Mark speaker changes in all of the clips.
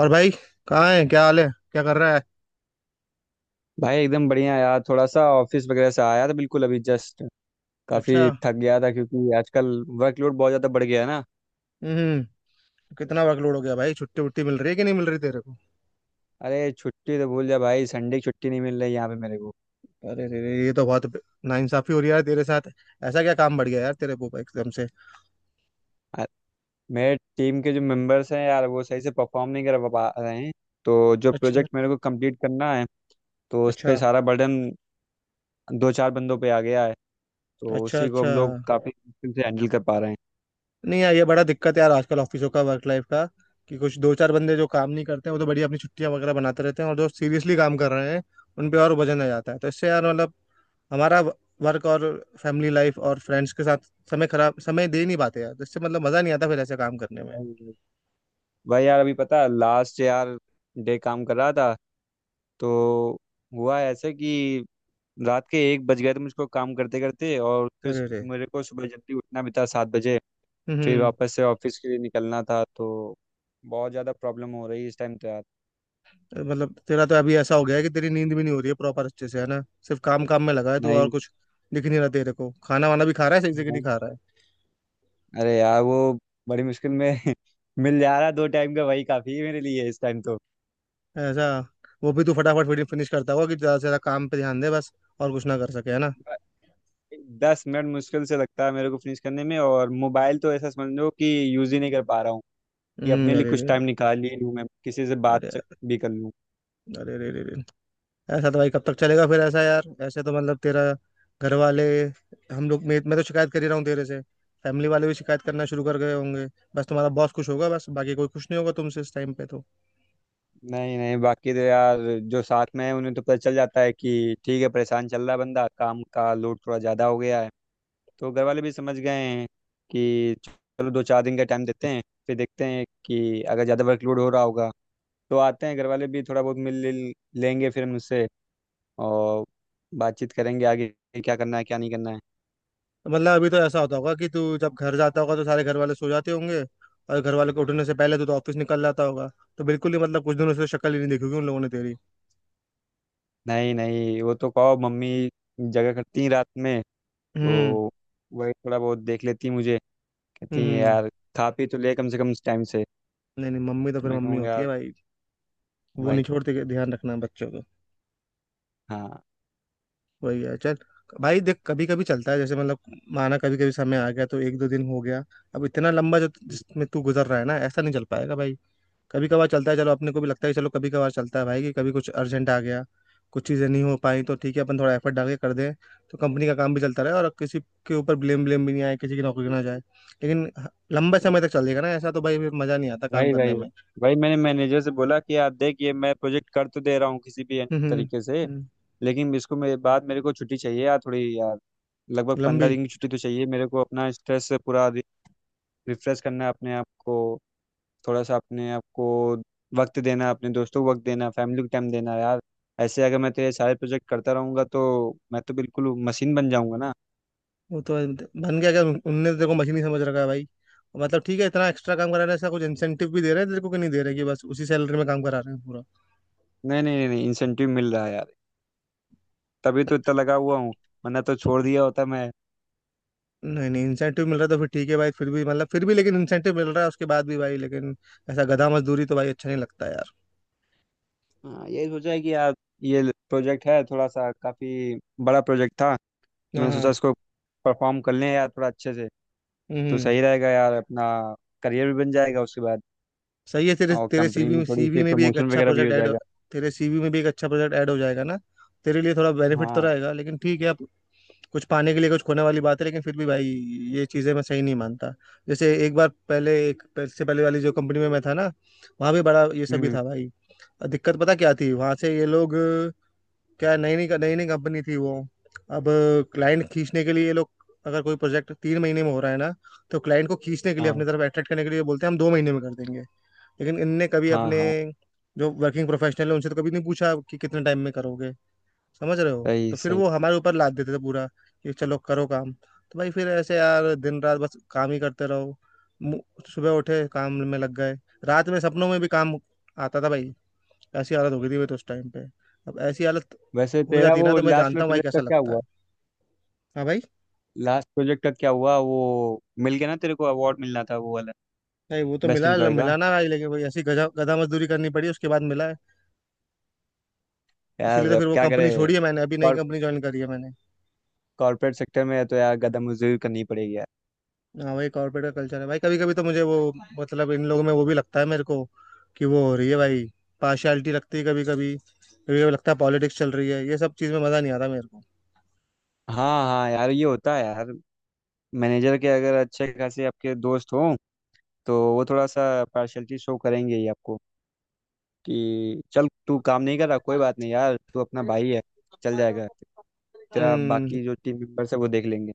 Speaker 1: और भाई, कहाँ है? क्या हाल है? क्या कर रहा है?
Speaker 2: भाई एकदम बढ़िया यार, थोड़ा सा ऑफिस वगैरह से आया था बिल्कुल अभी जस्ट।
Speaker 1: अच्छा।
Speaker 2: काफी थक गया था क्योंकि आजकल वर्कलोड बहुत ज्यादा बढ़ गया है ना।
Speaker 1: हम्म। कितना वर्कलोड हो गया भाई, छुट्टी उट्टी मिल रही है कि नहीं मिल रही तेरे को?
Speaker 2: अरे छुट्टी तो भूल जा भाई, संडे की छुट्टी नहीं मिल रही यहाँ पे मेरे को।
Speaker 1: अरे रे रे, ये तो बहुत नाइंसाफी हो रही है यार तेरे साथ। ऐसा क्या काम बढ़ गया यार तेरे को एकदम से?
Speaker 2: आ- मेरे टीम के जो मेंबर्स हैं यार, वो सही से परफॉर्म नहीं कर पा रहे हैं। तो जो
Speaker 1: अच्छा
Speaker 2: प्रोजेक्ट मेरे को कंप्लीट करना है, तो उस पे
Speaker 1: अच्छा।
Speaker 2: सारा बर्डन दो चार बंदों पे आ गया है। तो
Speaker 1: अच्छा
Speaker 2: उसी को
Speaker 1: अच्छा।
Speaker 2: हम लोग काफी मुश्किल से हैंडल कर पा रहे
Speaker 1: नहीं यार, ये बड़ा दिक्कत है यार आजकल ऑफिसों का, वर्क लाइफ का। कि कुछ दो चार बंदे जो काम नहीं करते हैं वो तो बढ़िया अपनी छुट्टियां वगैरह बनाते रहते हैं, और जो सीरियसली काम कर रहे हैं उन पे और वजन आ जाता है। तो इससे यार मतलब हमारा वर्क और फैमिली लाइफ और फ्रेंड्स के साथ समय, खराब समय दे नहीं पाते यार। तो इससे मतलब मजा नहीं आता फिर ऐसे काम करने में।
Speaker 2: हैं। भाई यार अभी पता, लास्ट यार डे काम कर रहा था, तो हुआ ऐसे कि रात के 1 बज गए थे मुझको काम करते करते। और फिर
Speaker 1: अरे अरे।
Speaker 2: मेरे को सुबह जल्दी उठना भी था 7 बजे, फिर
Speaker 1: हम्म।
Speaker 2: वापस से ऑफिस के लिए निकलना था। तो बहुत ज़्यादा प्रॉब्लम हो रही है इस टाइम तो यार।
Speaker 1: मतलब तेरा तो अभी ऐसा हो गया है कि तेरी नींद भी नहीं हो रही है प्रॉपर अच्छे से, है ना? सिर्फ काम काम में लगा है तू और
Speaker 2: नहीं
Speaker 1: कुछ दिख नहीं रहा तेरे को। खाना वाना भी खा रहा है सही से कि नहीं
Speaker 2: नहीं।
Speaker 1: खा रहा है?
Speaker 2: अरे यार वो बड़ी मुश्किल में मिल जा रहा है दो टाइम का, वही काफ़ी है मेरे लिए इस टाइम तो।
Speaker 1: ऐसा? वो भी तू फटाफट वीडियो फिनिश करता होगा, कि ज़्यादा से ज़्यादा काम पे ध्यान दे बस, और कुछ ना कर सके, है ना?
Speaker 2: 10 मिनट मुश्किल से लगता है मेरे को फिनिश करने में, और मोबाइल तो ऐसा समझ लो कि यूज़ ही नहीं कर पा रहा हूँ कि अपने
Speaker 1: हम्म,
Speaker 2: लिए
Speaker 1: अरे
Speaker 2: कुछ
Speaker 1: रे रे।
Speaker 2: टाइम निकाल ही लूँ, मैं किसी से बात
Speaker 1: अरे यार,
Speaker 2: भी कर लूँ।
Speaker 1: अरे रे रे रे, ऐसा तो भाई कब तक चलेगा फिर? ऐसा यार ऐसे तो मतलब तेरा घर वाले, हम लोग, मैं तो शिकायत कर ही रहा हूँ तेरे से, फैमिली वाले भी शिकायत करना शुरू कर गए होंगे। बस तुम्हारा बॉस खुश होगा, बस बाकी कोई खुश नहीं होगा तुमसे इस टाइम पे तो।
Speaker 2: नहीं नहीं, बाकी तो यार जो साथ में है उन्हें तो पता चल जाता है कि ठीक है परेशान चल रहा है बंदा, काम का लोड थोड़ा ज़्यादा हो गया है। तो घर वाले भी समझ गए हैं कि चलो दो चार दिन का टाइम देते हैं, फिर देखते हैं कि अगर ज़्यादा वर्कलोड हो रहा होगा तो आते हैं घर वाले भी, थोड़ा बहुत मिल लिल लेंगे फिर मुझसे और बातचीत करेंगे आगे कि क्या करना है क्या नहीं करना है।
Speaker 1: मतलब अभी तो ऐसा होता होगा कि तू जब घर जाता होगा तो सारे घर वाले सो जाते होंगे, और घर वाले के उठने से पहले तू तो ऑफिस निकल जाता होगा। तो बिल्कुल ही मतलब कुछ दिनों से शक्ल ही नहीं देखी होगी उन लोगों ने तेरी।
Speaker 2: नहीं नहीं, वो तो कहो मम्मी जगह करती हैं रात में, तो
Speaker 1: हम्म
Speaker 2: वही थोड़ा बहुत देख लेती हैं मुझे। कहती
Speaker 1: हम्म
Speaker 2: हैं
Speaker 1: हम्म।
Speaker 2: यार खा पी तो ले कम से कम टाइम से,
Speaker 1: नहीं नहीं, मम्मी तो
Speaker 2: तो
Speaker 1: फिर
Speaker 2: मैं
Speaker 1: मम्मी
Speaker 2: कहूँ
Speaker 1: होती है
Speaker 2: यार
Speaker 1: भाई। वो
Speaker 2: भाई।
Speaker 1: नहीं छोड़ती कि ध्यान रखना बच्चों को।
Speaker 2: हाँ।
Speaker 1: वही है, चल। भाई देख, कभी कभी चलता है, जैसे मतलब माना कभी कभी समय आ गया तो एक दो दिन हो गया। अब इतना लंबा जो जिसमें तू गुजर रहा है ना, ऐसा नहीं चल पाएगा भाई। कभी कभार चलता है, चलो अपने को भी लगता है कि चलो कभी कभार चलता है भाई, कि कभी कुछ अर्जेंट आ गया, कुछ चीज़ें नहीं हो पाई तो ठीक है अपन थोड़ा एफर्ट डाल के कर दें। तो कंपनी का काम भी चलता रहे और किसी के ऊपर ब्लेम ब्लेम भी नहीं आए, किसी की नौकरी ना जाए। लेकिन लंबे समय तक चलेगा ना ऐसा तो भाई फिर मज़ा नहीं आता काम
Speaker 2: भाई
Speaker 1: करने
Speaker 2: भाई
Speaker 1: में।
Speaker 2: भाई, मैंने मैनेजर से बोला कि यार देख, ये मैं प्रोजेक्ट कर तो दे रहा हूँ किसी भी
Speaker 1: हम्म।
Speaker 2: तरीके से,
Speaker 1: हम्म,
Speaker 2: लेकिन इसको मेरे बाद मेरे को छुट्टी चाहिए यार थोड़ी यार। लगभग पंद्रह
Speaker 1: लंबी।
Speaker 2: दिन की छुट्टी तो चाहिए मेरे को, अपना स्ट्रेस से पूरा रिफ्रेश करना है अपने आप को, थोड़ा सा अपने आप को वक्त देना, अपने दोस्तों को वक्त देना, फैमिली को टाइम देना यार। ऐसे अगर मैं तेरे सारे प्रोजेक्ट करता रहूंगा तो मैं तो बिल्कुल मशीन बन जाऊंगा ना।
Speaker 1: वो तो है, मतलब बन गया क्या? उनने तो तेरे को मशीन ही समझ रखा है भाई। मतलब ठीक है, इतना एक्स्ट्रा काम करा रहे हैं, ऐसा कुछ इंसेंटिव भी दे रहे हैं तेरे को कि नहीं दे रहे, कि बस उसी सैलरी में काम करा रहे हैं पूरा?
Speaker 2: नहीं नहीं नहीं नहीं, इंसेंटिव मिल रहा है यार, तभी तो इतना लगा हुआ हूँ, वरना तो छोड़ दिया होता मैं।
Speaker 1: नहीं नहीं, इंसेंटिव मिल रहा है तो फिर ठीक है भाई, फिर भी मतलब फिर भी लेकिन इंसेंटिव मिल रहा है उसके बाद भी भाई, लेकिन ऐसा गधा मजदूरी तो भाई अच्छा नहीं लगता यार।
Speaker 2: हाँ, यही सोचा है कि यार ये प्रोजेक्ट है थोड़ा सा काफी बड़ा प्रोजेक्ट था, तो
Speaker 1: हाँ
Speaker 2: मैंने सोचा
Speaker 1: हाँ।
Speaker 2: इसको परफॉर्म कर लें यार थोड़ा अच्छे से तो
Speaker 1: हम्म।
Speaker 2: सही रहेगा यार, अपना करियर भी बन जाएगा उसके बाद,
Speaker 1: सही है, तेरे
Speaker 2: और
Speaker 1: तेरे
Speaker 2: कंपनी
Speaker 1: सीवी
Speaker 2: में
Speaker 1: में
Speaker 2: थोड़ी
Speaker 1: सीवी
Speaker 2: सी
Speaker 1: में भी एक
Speaker 2: प्रमोशन
Speaker 1: अच्छा
Speaker 2: वगैरह भी
Speaker 1: प्रोजेक्ट
Speaker 2: हो
Speaker 1: ऐड।
Speaker 2: जाएगा।
Speaker 1: तेरे सीवी में भी एक अच्छा प्रोजेक्ट ऐड हो जाएगा ना, तेरे लिए थोड़ा बेनिफिट तो
Speaker 2: हाँ यार।
Speaker 1: रहेगा। लेकिन ठीक है, अब कुछ पाने के लिए कुछ खोने वाली बात है, लेकिन फिर भी भाई ये चीज़ें मैं सही नहीं मानता। जैसे एक बार पहले एक इससे पहले वाली जो कंपनी में मैं था ना, वहाँ भी बड़ा ये सभी
Speaker 2: हम्म।
Speaker 1: था भाई। और दिक्कत पता क्या थी, वहाँ से ये लोग, क्या नई नई कंपनी थी वो। अब क्लाइंट खींचने के लिए ये लोग, अगर कोई प्रोजेक्ट 3 महीने में हो रहा है ना, तो क्लाइंट को खींचने के लिए अपनी
Speaker 2: हाँ
Speaker 1: तरफ अट्रैक्ट करने के लिए बोलते हैं हम 2 महीने में कर देंगे। लेकिन इनने कभी
Speaker 2: हाँ।
Speaker 1: अपने
Speaker 2: हाँ।
Speaker 1: जो वर्किंग प्रोफेशनल है उनसे तो कभी नहीं पूछा कि कितने टाइम में करोगे, समझ रहे हो?
Speaker 2: सही
Speaker 1: तो फिर
Speaker 2: सही।
Speaker 1: वो हमारे ऊपर लाद देते थे पूरा, कि चलो करो काम। तो भाई फिर ऐसे यार दिन रात बस काम ही करते रहो। मु- सुबह उठे काम में लग गए, रात में सपनों में भी काम आता था भाई। ऐसी हालत हो गई थी मेरी तो उस टाइम पे। अब ऐसी हालत
Speaker 2: वैसे
Speaker 1: हो
Speaker 2: तेरा
Speaker 1: जाती है
Speaker 2: वो
Speaker 1: ना, तो मैं
Speaker 2: लास्ट वाला
Speaker 1: जानता हूँ भाई
Speaker 2: प्रोजेक्ट का
Speaker 1: कैसा
Speaker 2: क्या
Speaker 1: लगता
Speaker 2: हुआ?
Speaker 1: है। हाँ भाई।
Speaker 2: लास्ट प्रोजेक्ट का क्या हुआ वो, मिल गया ना तेरे को? अवार्ड मिलना था वो वाला,
Speaker 1: भाई वो तो
Speaker 2: बेस्ट
Speaker 1: मिला
Speaker 2: एम्प्लॉय का।
Speaker 1: मिला ना भाई, लेकिन भाई ऐसी गधा गधा मजदूरी करनी पड़ी उसके बाद मिला है।
Speaker 2: यार
Speaker 1: इसीलिए तो
Speaker 2: अब
Speaker 1: फिर वो
Speaker 2: क्या करे,
Speaker 1: कंपनी छोड़ी है मैंने, अभी नई कंपनी ज्वाइन करी है मैंने।
Speaker 2: कॉर्पोरेट सेक्टर में है तो यार गदा मजदूरी करनी पड़ेगी यार।
Speaker 1: हाँ भाई, कॉर्पोरेट का कल्चर है भाई। कभी कभी तो मुझे वो, मतलब इन लोगों में वो भी लगता है मेरे को कि वो हो रही है भाई, पार्शियलिटी लगती है कभी कभी। कभी लगता है पॉलिटिक्स चल रही है, ये सब चीज़ में मज़ा नहीं आता मेरे को।
Speaker 2: हाँ हाँ यार, ये होता है यार। मैनेजर के अगर अच्छे खासे आपके दोस्त हों, तो वो थोड़ा सा पार्शलिटी शो करेंगे ही आपको कि चल तू काम नहीं कर रहा कोई बात नहीं यार, तू अपना भाई है, चल जाएगा, तेरा
Speaker 1: हम्म
Speaker 2: बाकी जो टीम मेंबर्स है वो देख लेंगे।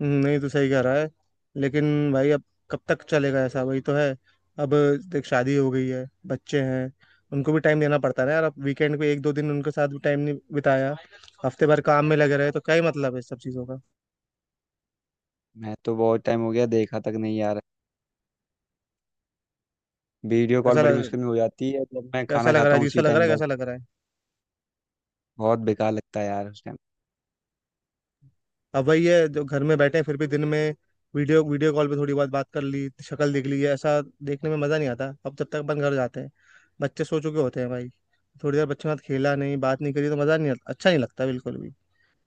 Speaker 1: नहीं तो सही कह रहा है। लेकिन भाई अब कब तक चलेगा ऐसा, वही तो है। अब देख, शादी हो गई है, बच्चे हैं, उनको भी टाइम देना पड़ता है ना यार। अब वीकेंड पे एक दो दिन उनके साथ भी टाइम नहीं बिताया, हफ्ते भर काम में लगे रहे, तो क्या ही मतलब है इस सब चीज़ों का।
Speaker 2: मैं तो बहुत टाइम हो गया देखा तक नहीं यार। वीडियो कॉल
Speaker 1: कैसा
Speaker 2: बड़ी
Speaker 1: लग
Speaker 2: मुश्किल में हो जाती है जब मैं
Speaker 1: कैसा
Speaker 2: खाना
Speaker 1: लग रहा
Speaker 2: खाता
Speaker 1: है,
Speaker 2: हूँ
Speaker 1: अजीब सा
Speaker 2: उसी
Speaker 1: लग रहा
Speaker 2: टाइम
Speaker 1: है,
Speaker 2: पर।
Speaker 1: कैसा लग रहा है?
Speaker 2: बहुत बेकार लगता है यार उस टाइम।
Speaker 1: अब वही है, जो घर में बैठे हैं फिर भी दिन में वीडियो वीडियो कॉल पे थोड़ी बहुत बात कर ली, शक्ल देख ली है, ऐसा देखने में मज़ा नहीं आता। अब जब तक अपन घर जाते हैं बच्चे सो चुके होते हैं भाई। थोड़ी देर बच्चों के साथ खेला नहीं, बात नहीं करी, तो मज़ा नहीं आता, अच्छा नहीं लगता बिल्कुल भी।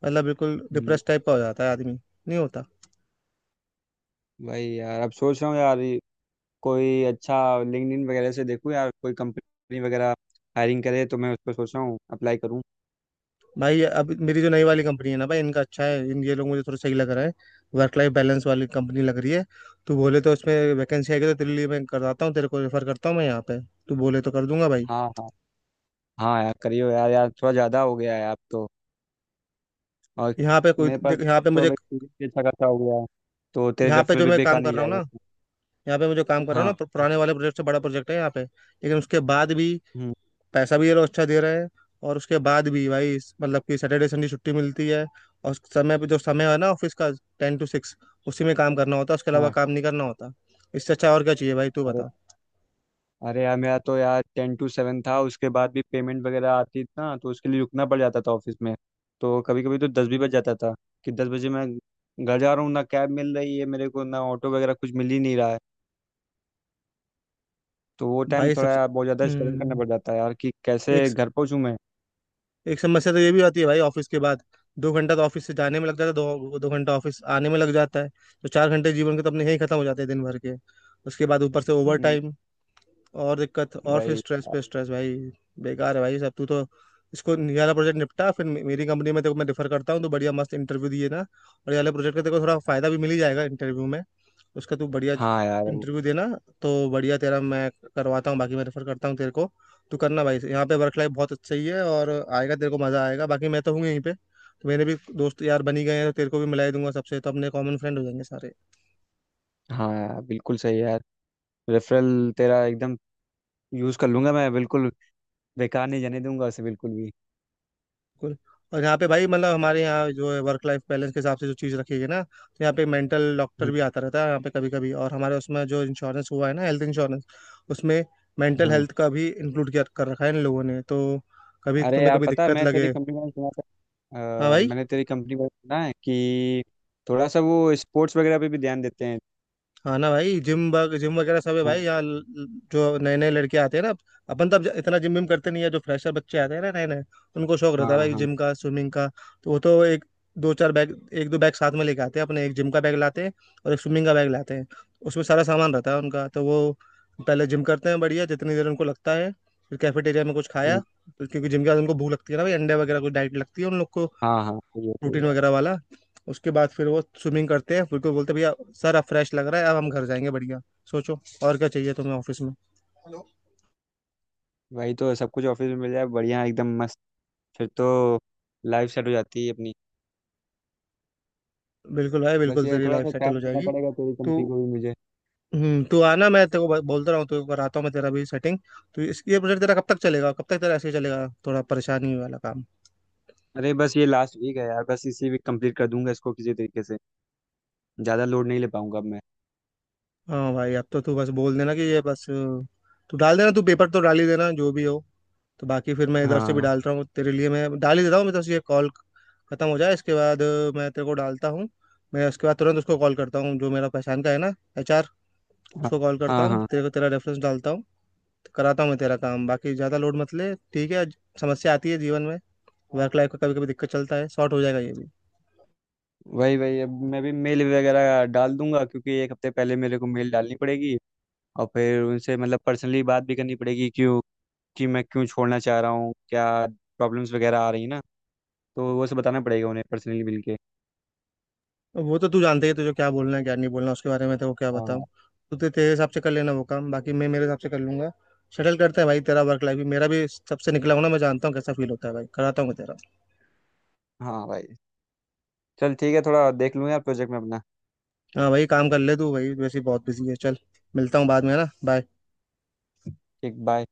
Speaker 1: मतलब बिल्कुल
Speaker 2: हम्म,
Speaker 1: डिप्रेस टाइप का हो जाता है आदमी, नहीं होता?
Speaker 2: वही यार अब सोच रहा हूँ यार, कोई अच्छा लिंक्डइन वगैरह से देखूँ, या कोई कंपनी वगैरह हायरिंग करे तो मैं उस पर सोच रहा हूँ अप्लाई करूँ।
Speaker 1: भाई अब मेरी जो नई वाली कंपनी है ना भाई, इनका अच्छा है, इन ये लोग मुझे थोड़ा सही लग रहा है, वर्क लाइफ बैलेंस वाली कंपनी लग रही है। तू बोले तो उसमें वैकेंसी आएगी तो तेरे लिए मैं करवाता हूँ, तेरे को रेफर करता हूँ मैं यहाँ पे। तू बोले तो कर दूंगा भाई।
Speaker 2: हाँ हाँ, हाँ यार करियो यार, यार थोड़ा ज़्यादा हो गया है आप तो। और
Speaker 1: यहाँ पे कोई
Speaker 2: मेरे पास
Speaker 1: देख, यहाँ पे
Speaker 2: तो
Speaker 1: मुझे,
Speaker 2: अब एक्सपीरियंस भी अच्छा खासा हो गया है, तो तेरे
Speaker 1: यहाँ पे
Speaker 2: रेफरल
Speaker 1: जो
Speaker 2: भी
Speaker 1: मैं काम
Speaker 2: बेकार
Speaker 1: कर
Speaker 2: नहीं
Speaker 1: रहा हूँ ना
Speaker 2: जाएगा।
Speaker 1: यहाँ पे मैं जो काम कर रहा हूँ
Speaker 2: हाँ
Speaker 1: ना,
Speaker 2: हाँ।
Speaker 1: पुराने वाले प्रोजेक्ट से बड़ा प्रोजेक्ट है यहाँ पे, लेकिन उसके बाद भी
Speaker 2: हम्म,
Speaker 1: पैसा भी ये लोग अच्छा दे रहे हैं। और उसके बाद भी भाई मतलब कि सैटरडे संडे छुट्टी मिलती है, और समय पे, जो समय है ना ऑफिस का, 10 to 6, उसी में काम करना होता है, उसके अलावा
Speaker 2: हाँ।
Speaker 1: काम नहीं करना होता। इससे अच्छा और क्या चाहिए भाई, तू
Speaker 2: अरे
Speaker 1: बता।
Speaker 2: अरे यार, मेरा तो यार 10 to 7 था, उसके बाद भी पेमेंट वगैरह आती थी ना तो उसके लिए रुकना पड़ जाता था ऑफिस में। तो कभी कभी तो 10 भी बज जाता था, कि 10 बजे मैं घर जा रहा हूँ ना, कैब मिल रही है मेरे को ना ऑटो वगैरह कुछ मिल ही नहीं रहा है, तो वो टाइम
Speaker 1: भाई सबसे,
Speaker 2: थोड़ा बहुत ज़्यादा स्ट्रगल करना
Speaker 1: हम्म,
Speaker 2: पड़ जाता है यार कि
Speaker 1: एक
Speaker 2: कैसे घर पहुंचूं मैं।
Speaker 1: एक समस्या तो ये भी आती है भाई ऑफिस के बाद। 2 घंटा तो ऑफिस से जाने में लग जाता है, 2-2 घंटा ऑफिस आने में लग जाता है। तो 4 घंटे जीवन के तो अपने यही खत्म हो जाते हैं दिन भर के। उसके बाद ऊपर से ओवर
Speaker 2: हम्म,
Speaker 1: टाइम और दिक्कत, और फिर
Speaker 2: भाई।
Speaker 1: स्ट्रेस पे स्ट्रेस भाई। बेकार है भाई सब। तू तो इसको, ये वाला प्रोजेक्ट निपटा, फिर मेरी कंपनी में देखो, मैं डिफर करता हूँ तो बढ़िया मस्त इंटरव्यू दिए ना, और ये वाले प्रोजेक्ट का देखो थोड़ा फायदा भी मिल ही जाएगा इंटरव्यू में। उसका तू बढ़िया
Speaker 2: हाँ यार।
Speaker 1: इंटरव्यू देना, तो बढ़िया तेरा मैं करवाता हूँ, बाकी मैं रेफर करता हूँ तेरे को। तू करना भाई, यहाँ पे वर्क लाइफ बहुत अच्छी ही है, और आएगा तेरे को मजा आएगा। बाकी मैं तो हूँ यहीं पे, तो मेरे भी दोस्त यार बन ही गए हैं, तो तेरे को भी मिला ही दूंगा सबसे, तो अपने कॉमन फ्रेंड हो जाएंगे सारे।
Speaker 2: हाँ यार बिल्कुल सही है यार, रेफरल तेरा एकदम यूज़ कर लूंगा मैं बिल्कुल, बेकार नहीं जाने दूंगा उसे बिल्कुल भी।
Speaker 1: बिल्कुल। और यहाँ पे भाई, मतलब हमारे यहाँ जो है वर्क लाइफ बैलेंस के हिसाब से जो चीज़ रखी है ना, तो यहाँ पे मेंटल डॉक्टर
Speaker 2: हम्म,
Speaker 1: भी आता रहता है यहाँ पे कभी कभी। और हमारे उसमें जो इंश्योरेंस हुआ है ना, हेल्थ इंश्योरेंस, उसमें मेंटल
Speaker 2: हाँ।
Speaker 1: हेल्थ का भी इंक्लूड किया कर रखा है इन लोगों ने तो। कभी
Speaker 2: अरे
Speaker 1: तुम्हें
Speaker 2: यार
Speaker 1: कभी
Speaker 2: पता है,
Speaker 1: दिक्कत
Speaker 2: मैं तेरी
Speaker 1: लगे।
Speaker 2: कंपनी में सुना
Speaker 1: हाँ
Speaker 2: था
Speaker 1: भाई।
Speaker 2: मैंने तेरी कंपनी में सुना है कि थोड़ा सा वो स्पोर्ट्स वगैरह पे भी ध्यान देते हैं।
Speaker 1: हाँ ना भाई, जिम, जिम वगैरह सब है भाई
Speaker 2: हाँ।
Speaker 1: यहाँ। जो नए नए लड़के आते हैं ना, अपन तब इतना जिम विम करते नहीं है। जो फ्रेशर बच्चे आते हैं ना नए नए, उनको शौक
Speaker 2: हाँ
Speaker 1: रहता है भाई
Speaker 2: हाँ।
Speaker 1: जिम का, स्विमिंग का। तो वो तो एक, दो चार बैग, एक दो बैग साथ में लेके आते हैं अपने। एक जिम का बैग लाते हैं और एक स्विमिंग का बैग लाते हैं, उसमें सारा सामान रहता है उनका। तो वो पहले जिम करते हैं बढ़िया, जितनी देर उनको लगता है। फिर कैफेटेरिया में कुछ खाया,
Speaker 2: हम्म,
Speaker 1: तो क्योंकि जिम के बाद उनको भूख लगती है ना भाई, अंडे वगैरह कुछ डाइट लगती है उन लोग को,
Speaker 2: हाँ हाँ सही है
Speaker 1: प्रोटीन
Speaker 2: यार।
Speaker 1: वगैरह वाला। उसके बाद फिर वो स्विमिंग करते हैं, फिर को बोलते हैं भैया सर अब फ्रेश लग रहा है, अब हम घर जाएंगे बढ़िया। सोचो, और क्या चाहिए तुम्हें ऑफिस में।
Speaker 2: वही तो, सब कुछ ऑफिस में मिल जाए बढ़िया, एकदम मस्त, फिर तो लाइफ सेट हो जाती है अपनी।
Speaker 1: बिल्कुल भाई,
Speaker 2: बस
Speaker 1: बिल्कुल,
Speaker 2: ये
Speaker 1: तेरी
Speaker 2: थोड़ा
Speaker 1: लाइफ
Speaker 2: सा
Speaker 1: सेटल हो
Speaker 2: टाइम देना
Speaker 1: जाएगी।
Speaker 2: पड़ेगा तेरी
Speaker 1: तू,
Speaker 2: कंपनी को भी मुझे।
Speaker 1: तू आना, मैं तेरे को बोलता रहा हूँ, तेरे को कराता हूँ मैं तेरा भी सेटिंग। तो इस ये प्रोजेक्ट तेरा कब तक चलेगा, कब तक तेरा ऐसे ही चलेगा थोड़ा परेशानी वाला काम?
Speaker 2: अरे बस ये लास्ट वीक है यार, बस इसी वीक कंप्लीट कर दूंगा इसको किसी तरीके से। ज़्यादा लोड नहीं ले पाऊंगा अब मैं।
Speaker 1: हाँ भाई, अब तो तू बस बोल देना कि ये बस तू डाल देना, तू पेपर तो डाल ही देना जो भी हो। तो बाकी फिर मैं इधर से भी
Speaker 2: हाँ
Speaker 1: डालता हूँ तेरे लिए, मैं डाल ही देता हूँ। मेरे से ये कॉल खत्म हो जाए इसके बाद मैं तेरे को डालता हूँ। मैं उसके बाद तुरंत उसको कॉल करता हूँ जो मेरा पहचान का है ना, एचआर,
Speaker 2: हाँ
Speaker 1: उसको कॉल करता
Speaker 2: हाँ
Speaker 1: हूँ,
Speaker 2: हाँ
Speaker 1: तेरे को, तेरा रेफरेंस डालता हूँ। तो कराता हूँ मैं तेरा काम, बाकी ज़्यादा लोड मत ले, ठीक है? समस्या आती है जीवन में, वर्क लाइफ का कभी कभी दिक्कत चलता है, शॉर्ट हो जाएगा ये भी।
Speaker 2: वही वही, अब मैं भी मेल वगैरह डाल दूंगा क्योंकि एक हफ्ते पहले मेरे को मेल डालनी पड़ेगी, और फिर उनसे मतलब पर्सनली बात भी करनी पड़ेगी, क्यों कि मैं क्यों छोड़ना चाह रहा हूँ, क्या प्रॉब्लम्स वगैरह आ रही है ना, तो वो सब बताना पड़ेगा उन्हें पर्सनली मिलके।
Speaker 1: अब वो तो तू जानते ही है, तुझे क्या बोलना है क्या नहीं बोलना उसके बारे में तो वो क्या बताऊँ।
Speaker 2: हाँ।
Speaker 1: तू तेरे हिसाब से कर लेना वो काम, बाकी मैं मेरे हिसाब से कर लूंगा। शटल करते हैं भाई, तेरा वर्क लाइफ भी, मेरा भी सबसे निकला हूं ना, मैं जानता हूँ कैसा फील होता है भाई, कराता हूँ मैं तेरा।
Speaker 2: हाँ भाई, चल ठीक है, थोड़ा देख लूँ यार प्रोजेक्ट में अपना।
Speaker 1: हाँ भाई, काम कर ले तू भाई, वैसे ही बहुत बिजी है, चल मिलता हूँ बाद में, है ना, बाय।
Speaker 2: ठीक, बाय।